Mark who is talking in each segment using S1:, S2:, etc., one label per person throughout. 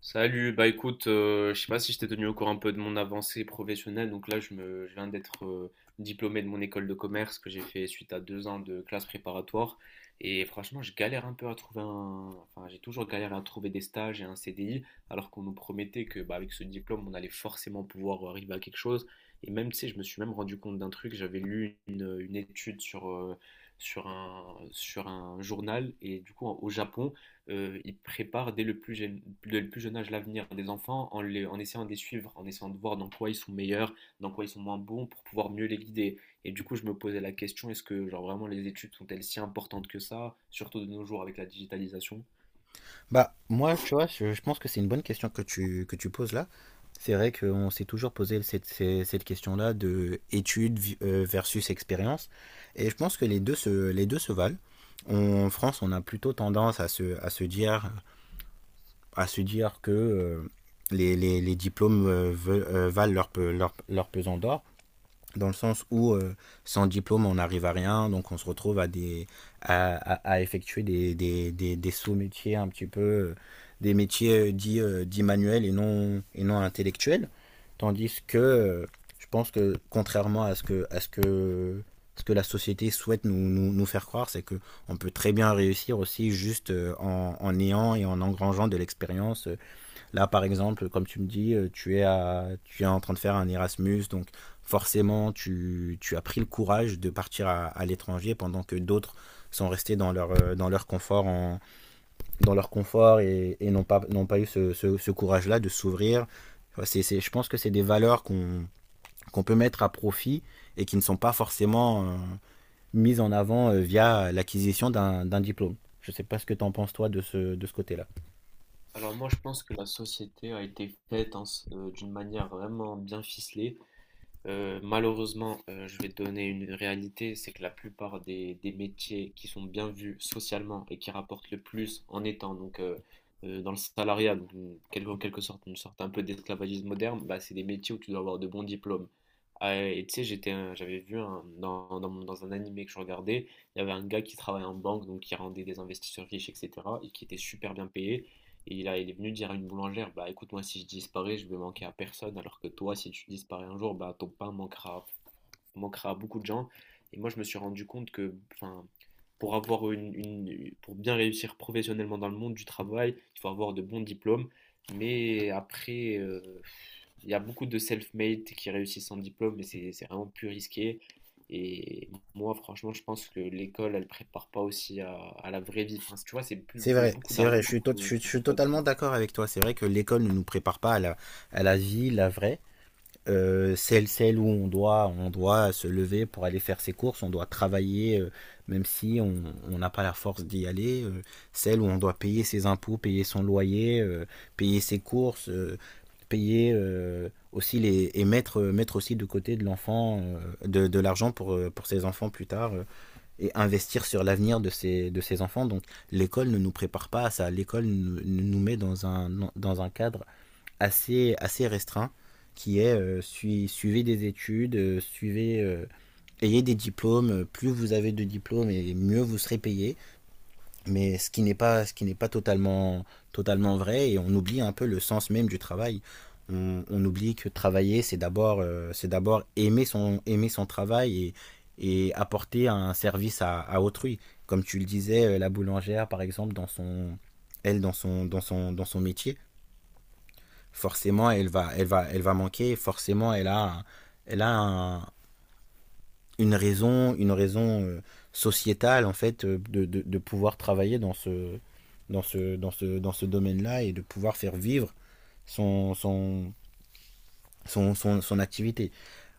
S1: Salut, bah écoute, je sais pas si je t'ai tenu au courant un peu de mon avancée professionnelle. Donc là, je viens d'être diplômé de mon école de commerce que j'ai fait suite à 2 ans de classe préparatoire. Et franchement, je galère un peu à trouver enfin, j'ai toujours galéré à trouver des stages et un CDI, alors qu'on nous promettait que, bah, avec ce diplôme, on allait forcément pouvoir arriver à quelque chose. Et même, tu sais, je me suis même rendu compte d'un truc. J'avais lu une étude sur un journal, et du coup, au Japon, ils préparent dès le plus jeune âge l'avenir des enfants en essayant de les suivre, en essayant de voir dans quoi ils sont meilleurs, dans quoi ils sont moins bons pour pouvoir mieux les guider. Et du coup, je me posais la question, est-ce que genre vraiment les études sont-elles si importantes que ça, surtout de nos jours avec la digitalisation?
S2: Bah, moi, tu vois, je pense que c'est une bonne question que tu poses là. C'est vrai qu'on s'est toujours posé cette question-là de études versus expérience. Et je pense que les deux se valent. En France, on a plutôt tendance à se dire que les diplômes valent leur pesant d'or, dans le sens où sans diplôme on n'arrive à rien, donc on se retrouve à effectuer des sous-métiers un petit peu, des métiers dits, dits manuels et non intellectuels, tandis que je pense que, contrairement à ce que la société souhaite nous faire croire, c'est qu'on peut très bien réussir aussi juste en ayant et en engrangeant de l'expérience. Là, par exemple, comme tu me dis, tu es en train de faire un Erasmus, donc forcément, tu as pris le courage de partir à l'étranger pendant que d'autres sont restés dans leur confort, en, dans leur confort et n'ont pas eu ce courage-là de s'ouvrir. Enfin, je pense que c'est des valeurs qu'on peut mettre à profit et qui ne sont pas forcément mises en avant, via l'acquisition d'un diplôme. Je ne sais pas ce que tu en penses, toi, de ce côté-là.
S1: Alors moi, je pense que la société a été faite, hein, d'une manière vraiment bien ficelée. Malheureusement, je vais te donner une réalité, c'est que la plupart des métiers qui sont bien vus socialement et qui rapportent le plus en étant donc dans le salariat, donc en quelque sorte une sorte un peu d'esclavagisme moderne, bah, c'est des métiers où tu dois avoir de bons diplômes. Ah, et tu sais, j'avais vu dans un animé que je regardais, il y avait un gars qui travaillait en banque, donc qui rendait des investisseurs riches, etc., et qui était super bien payé. Et là, il est venu dire à une boulangère, bah écoute, moi si je disparais, je vais manquer à personne, alors que toi, si tu disparais un jour, bah ton pain manquera à beaucoup de gens. Et moi, je me suis rendu compte que, enfin, pour avoir une- pour bien réussir professionnellement dans le monde du travail, il faut avoir de bons diplômes. Mais après, il y a beaucoup de self-made qui réussissent sans diplôme, mais c'est vraiment plus risqué. Et moi, franchement, je pense que l'école, elle prépare pas aussi à la vraie vie. Enfin, tu vois, c'est beaucoup
S2: C'est vrai, je
S1: d'arguments
S2: suis, tot- je
S1: qu'on-
S2: suis- je
S1: qu'on peut
S2: suis
S1: pas
S2: totalement
S1: dire.
S2: d'accord avec toi. C'est vrai que l'école ne nous prépare pas à la vie, la vraie. Celle où on doit se lever pour aller faire ses courses, on doit travailler même si on n'a pas la force d'y aller. Celle où on doit payer ses impôts, payer son loyer, payer ses courses, payer aussi les, et mettre, mettre aussi de côté de l'enfant, de l'argent pour ses enfants plus tard, et investir sur l'avenir de ses enfants. Donc l'école ne nous prépare pas à ça. L'école nous met dans un cadre assez restreint, qui est suivez des études, ayez des diplômes. Plus vous avez de diplômes, et mieux vous serez payé. Mais ce qui n'est pas totalement vrai, et on oublie un peu le sens même du travail. On oublie que travailler, c'est d'abord aimer son travail et apporter un service à autrui, comme tu le disais, la boulangère par exemple, dans son elle dans son dans son dans son métier, forcément elle va manquer forcément, elle a un, une raison sociétale en fait, de pouvoir travailler dans ce domaine-là, et de pouvoir faire vivre son, son, son activité.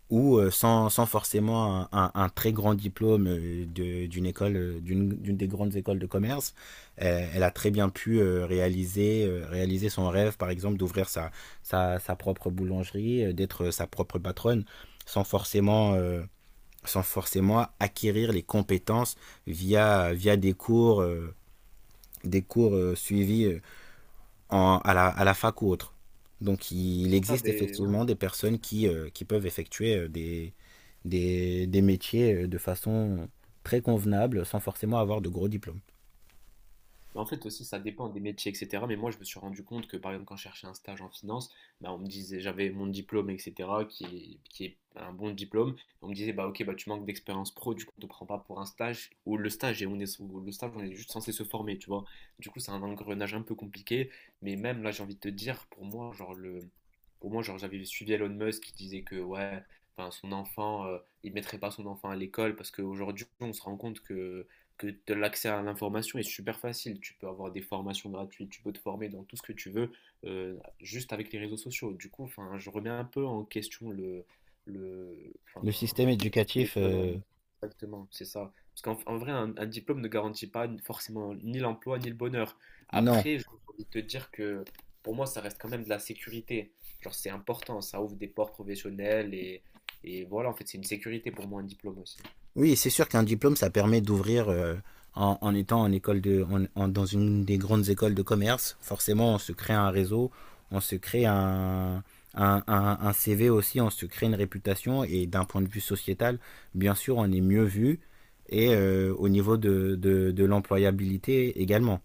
S2: Ou sans forcément un très grand diplôme, d'une des grandes écoles de commerce, elle a très bien pu, réaliser son rêve, par exemple, d'ouvrir sa propre boulangerie, d'être, sa propre patronne, sans forcément acquérir les compétences via des cours, suivis à la fac ou autre. Donc il
S1: C'est ça,
S2: existe
S1: ben, ouais.
S2: effectivement des personnes qui, peuvent effectuer, des métiers de façon très convenable, sans forcément avoir de gros diplômes.
S1: Mais en fait aussi, ça dépend des métiers, etc. Mais moi, je me suis rendu compte que, par exemple, quand je cherchais un stage en finance, bah, on me disait, j'avais mon diplôme, etc., qui est un bon diplôme. On me disait, bah ok, bah tu manques d'expérience pro, du coup, on te prend pas pour un stage, ou le stage, on est juste censé se former, tu vois. Du coup, c'est un engrenage un peu compliqué. Mais même là, j'ai envie de te dire, pour moi, genre j'avais suivi Elon Musk qui disait que ouais, enfin son enfant, il mettrait pas son enfant à l'école parce qu'aujourd'hui, on se rend compte que l'accès à l'information est super facile. Tu peux avoir des formations gratuites, tu peux te former dans tout ce que tu veux, juste avec les réseaux sociaux. Du coup, enfin, je remets un peu en question enfin,
S2: Le système
S1: est-ce que
S2: éducatif,
S1: l'école, exactement, c'est ça. Parce qu'en vrai, un diplôme ne garantit pas forcément ni l'emploi ni le bonheur.
S2: non.
S1: Après, j'ai envie de te dire que pour moi, ça reste quand même de la sécurité. Genre, c'est important, ça ouvre des portes professionnelles et voilà, en fait, c'est une sécurité pour moi, un diplôme aussi.
S2: Oui, c'est sûr qu'un diplôme, ça permet d'ouvrir, en étant en école de, en- en- dans une des grandes écoles de commerce. Forcément, on se crée un réseau, on se crée un CV aussi, on se crée une réputation, et d'un point de vue sociétal, bien sûr, on est mieux vu, et au niveau de l'employabilité également.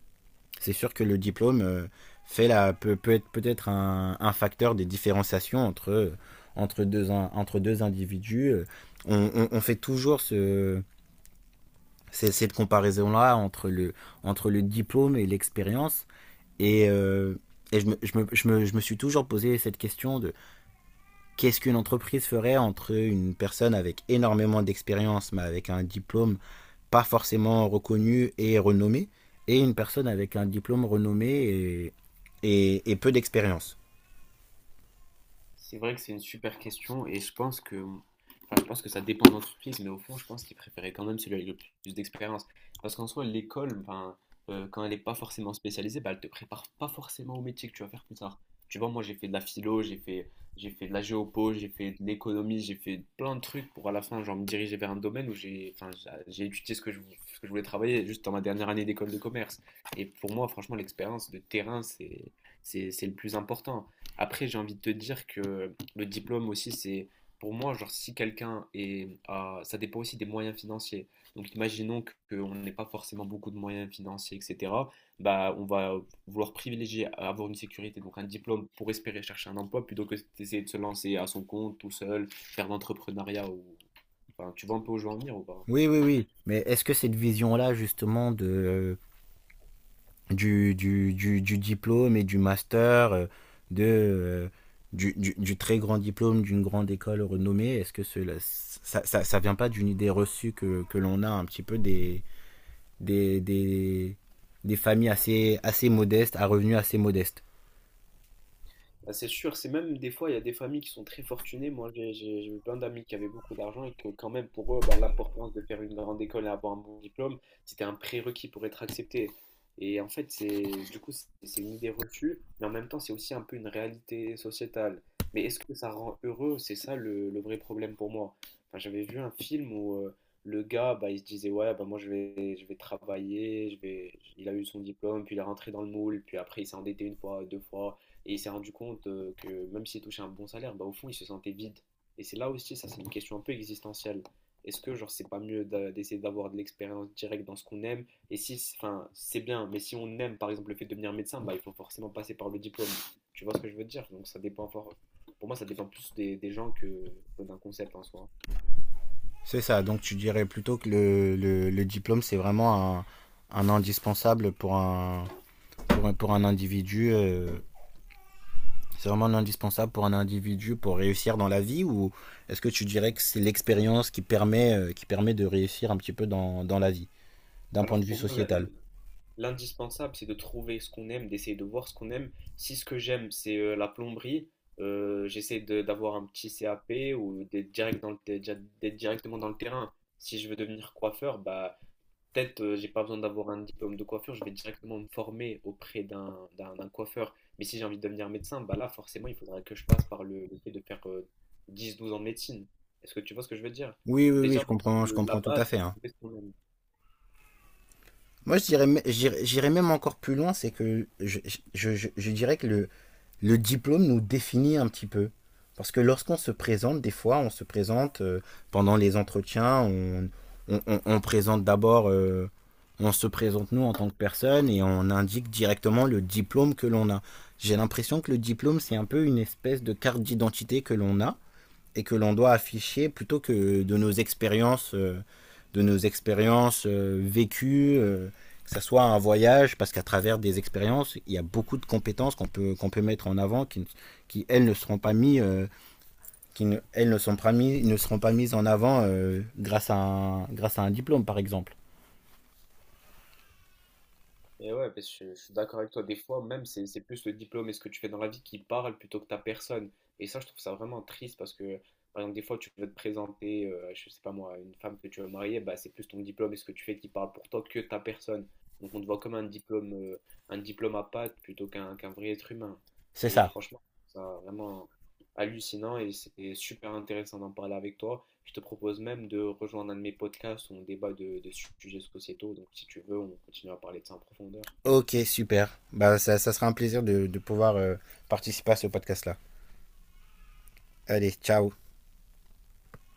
S2: C'est sûr que le diplôme fait la, peut, peut être peut-être un facteur des différenciations entre deux individus. On fait toujours cette comparaison-là entre le diplôme et l'expérience. Et, euh, et je me suis toujours posé cette question de qu'est-ce qu'une entreprise ferait entre une personne avec énormément d'expérience mais avec un diplôme pas forcément reconnue et renommée, et une personne avec un diplôme renommé et, et peu d'expérience.
S1: C'est vrai que c'est une super question et je pense que, enfin, je pense que ça dépend de l'entreprise, mais au fond, je pense qu'il préférait quand même celui avec le plus d'expérience. Parce qu'en soi, l'école, enfin, quand elle n'est pas forcément spécialisée, bah, elle te prépare pas forcément au métier que tu vas faire plus tard. Tu vois, moi, j'ai fait de la philo, j'ai fait de la géopo, j'ai fait de l'économie, j'ai fait plein de trucs pour à la fin, genre, me diriger vers un domaine où j'ai étudié ce que ce que je voulais travailler juste dans ma dernière année d'école de commerce. Et pour moi, franchement, l'expérience de terrain, c'est le plus important. Après, j'ai envie de te dire que le diplôme aussi, c'est pour moi, genre, si quelqu'un est. à- ça dépend aussi des moyens financiers. Donc, imaginons qu'on n'ait pas forcément beaucoup de moyens financiers, etc. Bah, on va vouloir privilégier à avoir une sécurité, donc un diplôme pour espérer chercher un emploi plutôt que d'essayer de se lancer à son compte, tout seul, faire de l'entrepreneuriat. Ou... Enfin, tu vois un peu où je veux en venir ou pas?
S2: Oui, oui, oui. Mais est-ce que cette vision-là, justement, du diplôme et du master, de, euh, du très grand diplôme d'une grande école renommée, est-ce que ça vient pas d'une idée reçue que l'on a un petit peu des, des, des, des familles assez modestes, à revenus assez modestes?
S1: Bah, c'est sûr, c'est même des fois, il y a des familles qui sont très fortunées. Moi, j'ai eu plein d'amis qui avaient beaucoup d'argent et que quand même, pour eux, bah, l'importance de faire une grande école et avoir un bon diplôme, c'était un prérequis pour être accepté. Et en fait, c'est du coup, c'est une idée reçue, mais en même temps, c'est aussi un peu une réalité sociétale. Mais est-ce que ça rend heureux? C'est ça le vrai problème pour moi. Enfin, j'avais vu un film où le gars, bah, il se disait, ouais, bah, moi, je vais travailler, Il a eu son diplôme, puis il est rentré dans le moule, puis après, il s'est endetté une fois, deux fois. Et il s'est rendu compte que même s'il touchait un bon salaire, bah, au fond, il se sentait vide. Et c'est là aussi, ça, c'est une question un peu existentielle. Est-ce que, genre, c'est pas mieux d'essayer d'avoir de l'expérience directe dans ce qu'on aime? Et si, enfin, c'est bien, mais si on aime, par exemple, le fait de devenir médecin, bah, il faut forcément passer par le diplôme. Tu vois ce que je veux dire? Donc, ça dépend fort. Pour moi, ça dépend plus des gens que d'un concept en soi.
S2: C'est ça, donc tu dirais plutôt que le diplôme, c'est vraiment un indispensable pour un, pour un individu. C'est vraiment un indispensable pour un individu pour réussir dans la vie, ou est-ce que tu dirais que c'est l'expérience qui permet de réussir un petit peu dans la vie, d'un point
S1: Alors,
S2: de vue
S1: pour moi,
S2: sociétal?
S1: l'indispensable, c'est de trouver ce qu'on aime, d'essayer de voir ce qu'on aime. Si ce que j'aime, c'est la plomberie, j'essaie d'avoir un petit CAP ou d'être directement dans le terrain. Si je veux devenir coiffeur, bah peut-être, j'ai pas besoin d'avoir un diplôme de coiffure, je vais directement me former auprès d'un coiffeur. Mais si j'ai envie de devenir médecin, bah là forcément, il faudrait que je passe par le fait de faire 10-12 ans de médecine. Est-ce que tu vois ce que je veux dire?
S2: Oui, oui, oui, je
S1: Déjà,
S2: comprends, je
S1: la
S2: comprends tout
S1: base,
S2: à
S1: c'est
S2: fait,
S1: de
S2: hein.
S1: trouver ce qu'on aime.
S2: Moi, je dirais, j'irais même encore plus loin, c'est que je dirais que le diplôme nous définit un petit peu. Parce que lorsqu'on se présente, des fois, on se présente, pendant les entretiens, on présente d'abord, on se présente nous en tant que personne et on indique directement le diplôme que l'on a. J'ai l'impression que le diplôme, c'est un peu une espèce de carte d'identité que l'on a et que l'on doit afficher plutôt que de nos expériences, vécues, que ça soit un voyage, parce qu'à travers des expériences, il y a beaucoup de compétences qu'on peut mettre en avant, qui elles ne sont pas mises, ne seront pas mises en avant, grâce à un diplôme, par exemple.
S1: Et ouais, parce que je suis d'accord avec toi. Des fois, même, c'est plus le diplôme et ce que tu fais dans la vie qui parle plutôt que ta personne. Et ça, je trouve ça vraiment triste parce que, par exemple, des fois, tu veux te présenter, je sais pas moi, une femme que tu veux marier, bah, c'est plus ton diplôme et ce que tu fais qui parle pour toi que ta personne. Donc, on te voit comme un diplôme à pattes plutôt qu'un vrai être humain.
S2: C'est
S1: Et
S2: ça.
S1: franchement, je trouve ça vraiment hallucinant et c'est super intéressant d'en parler avec toi. Je te propose même de rejoindre un de mes podcasts où on débat de sujets sociétaux. Donc, si tu veux, on continue à parler de ça en profondeur.
S2: Ok, super. Bah, ça sera un plaisir de pouvoir, participer à ce podcast-là. Allez, ciao.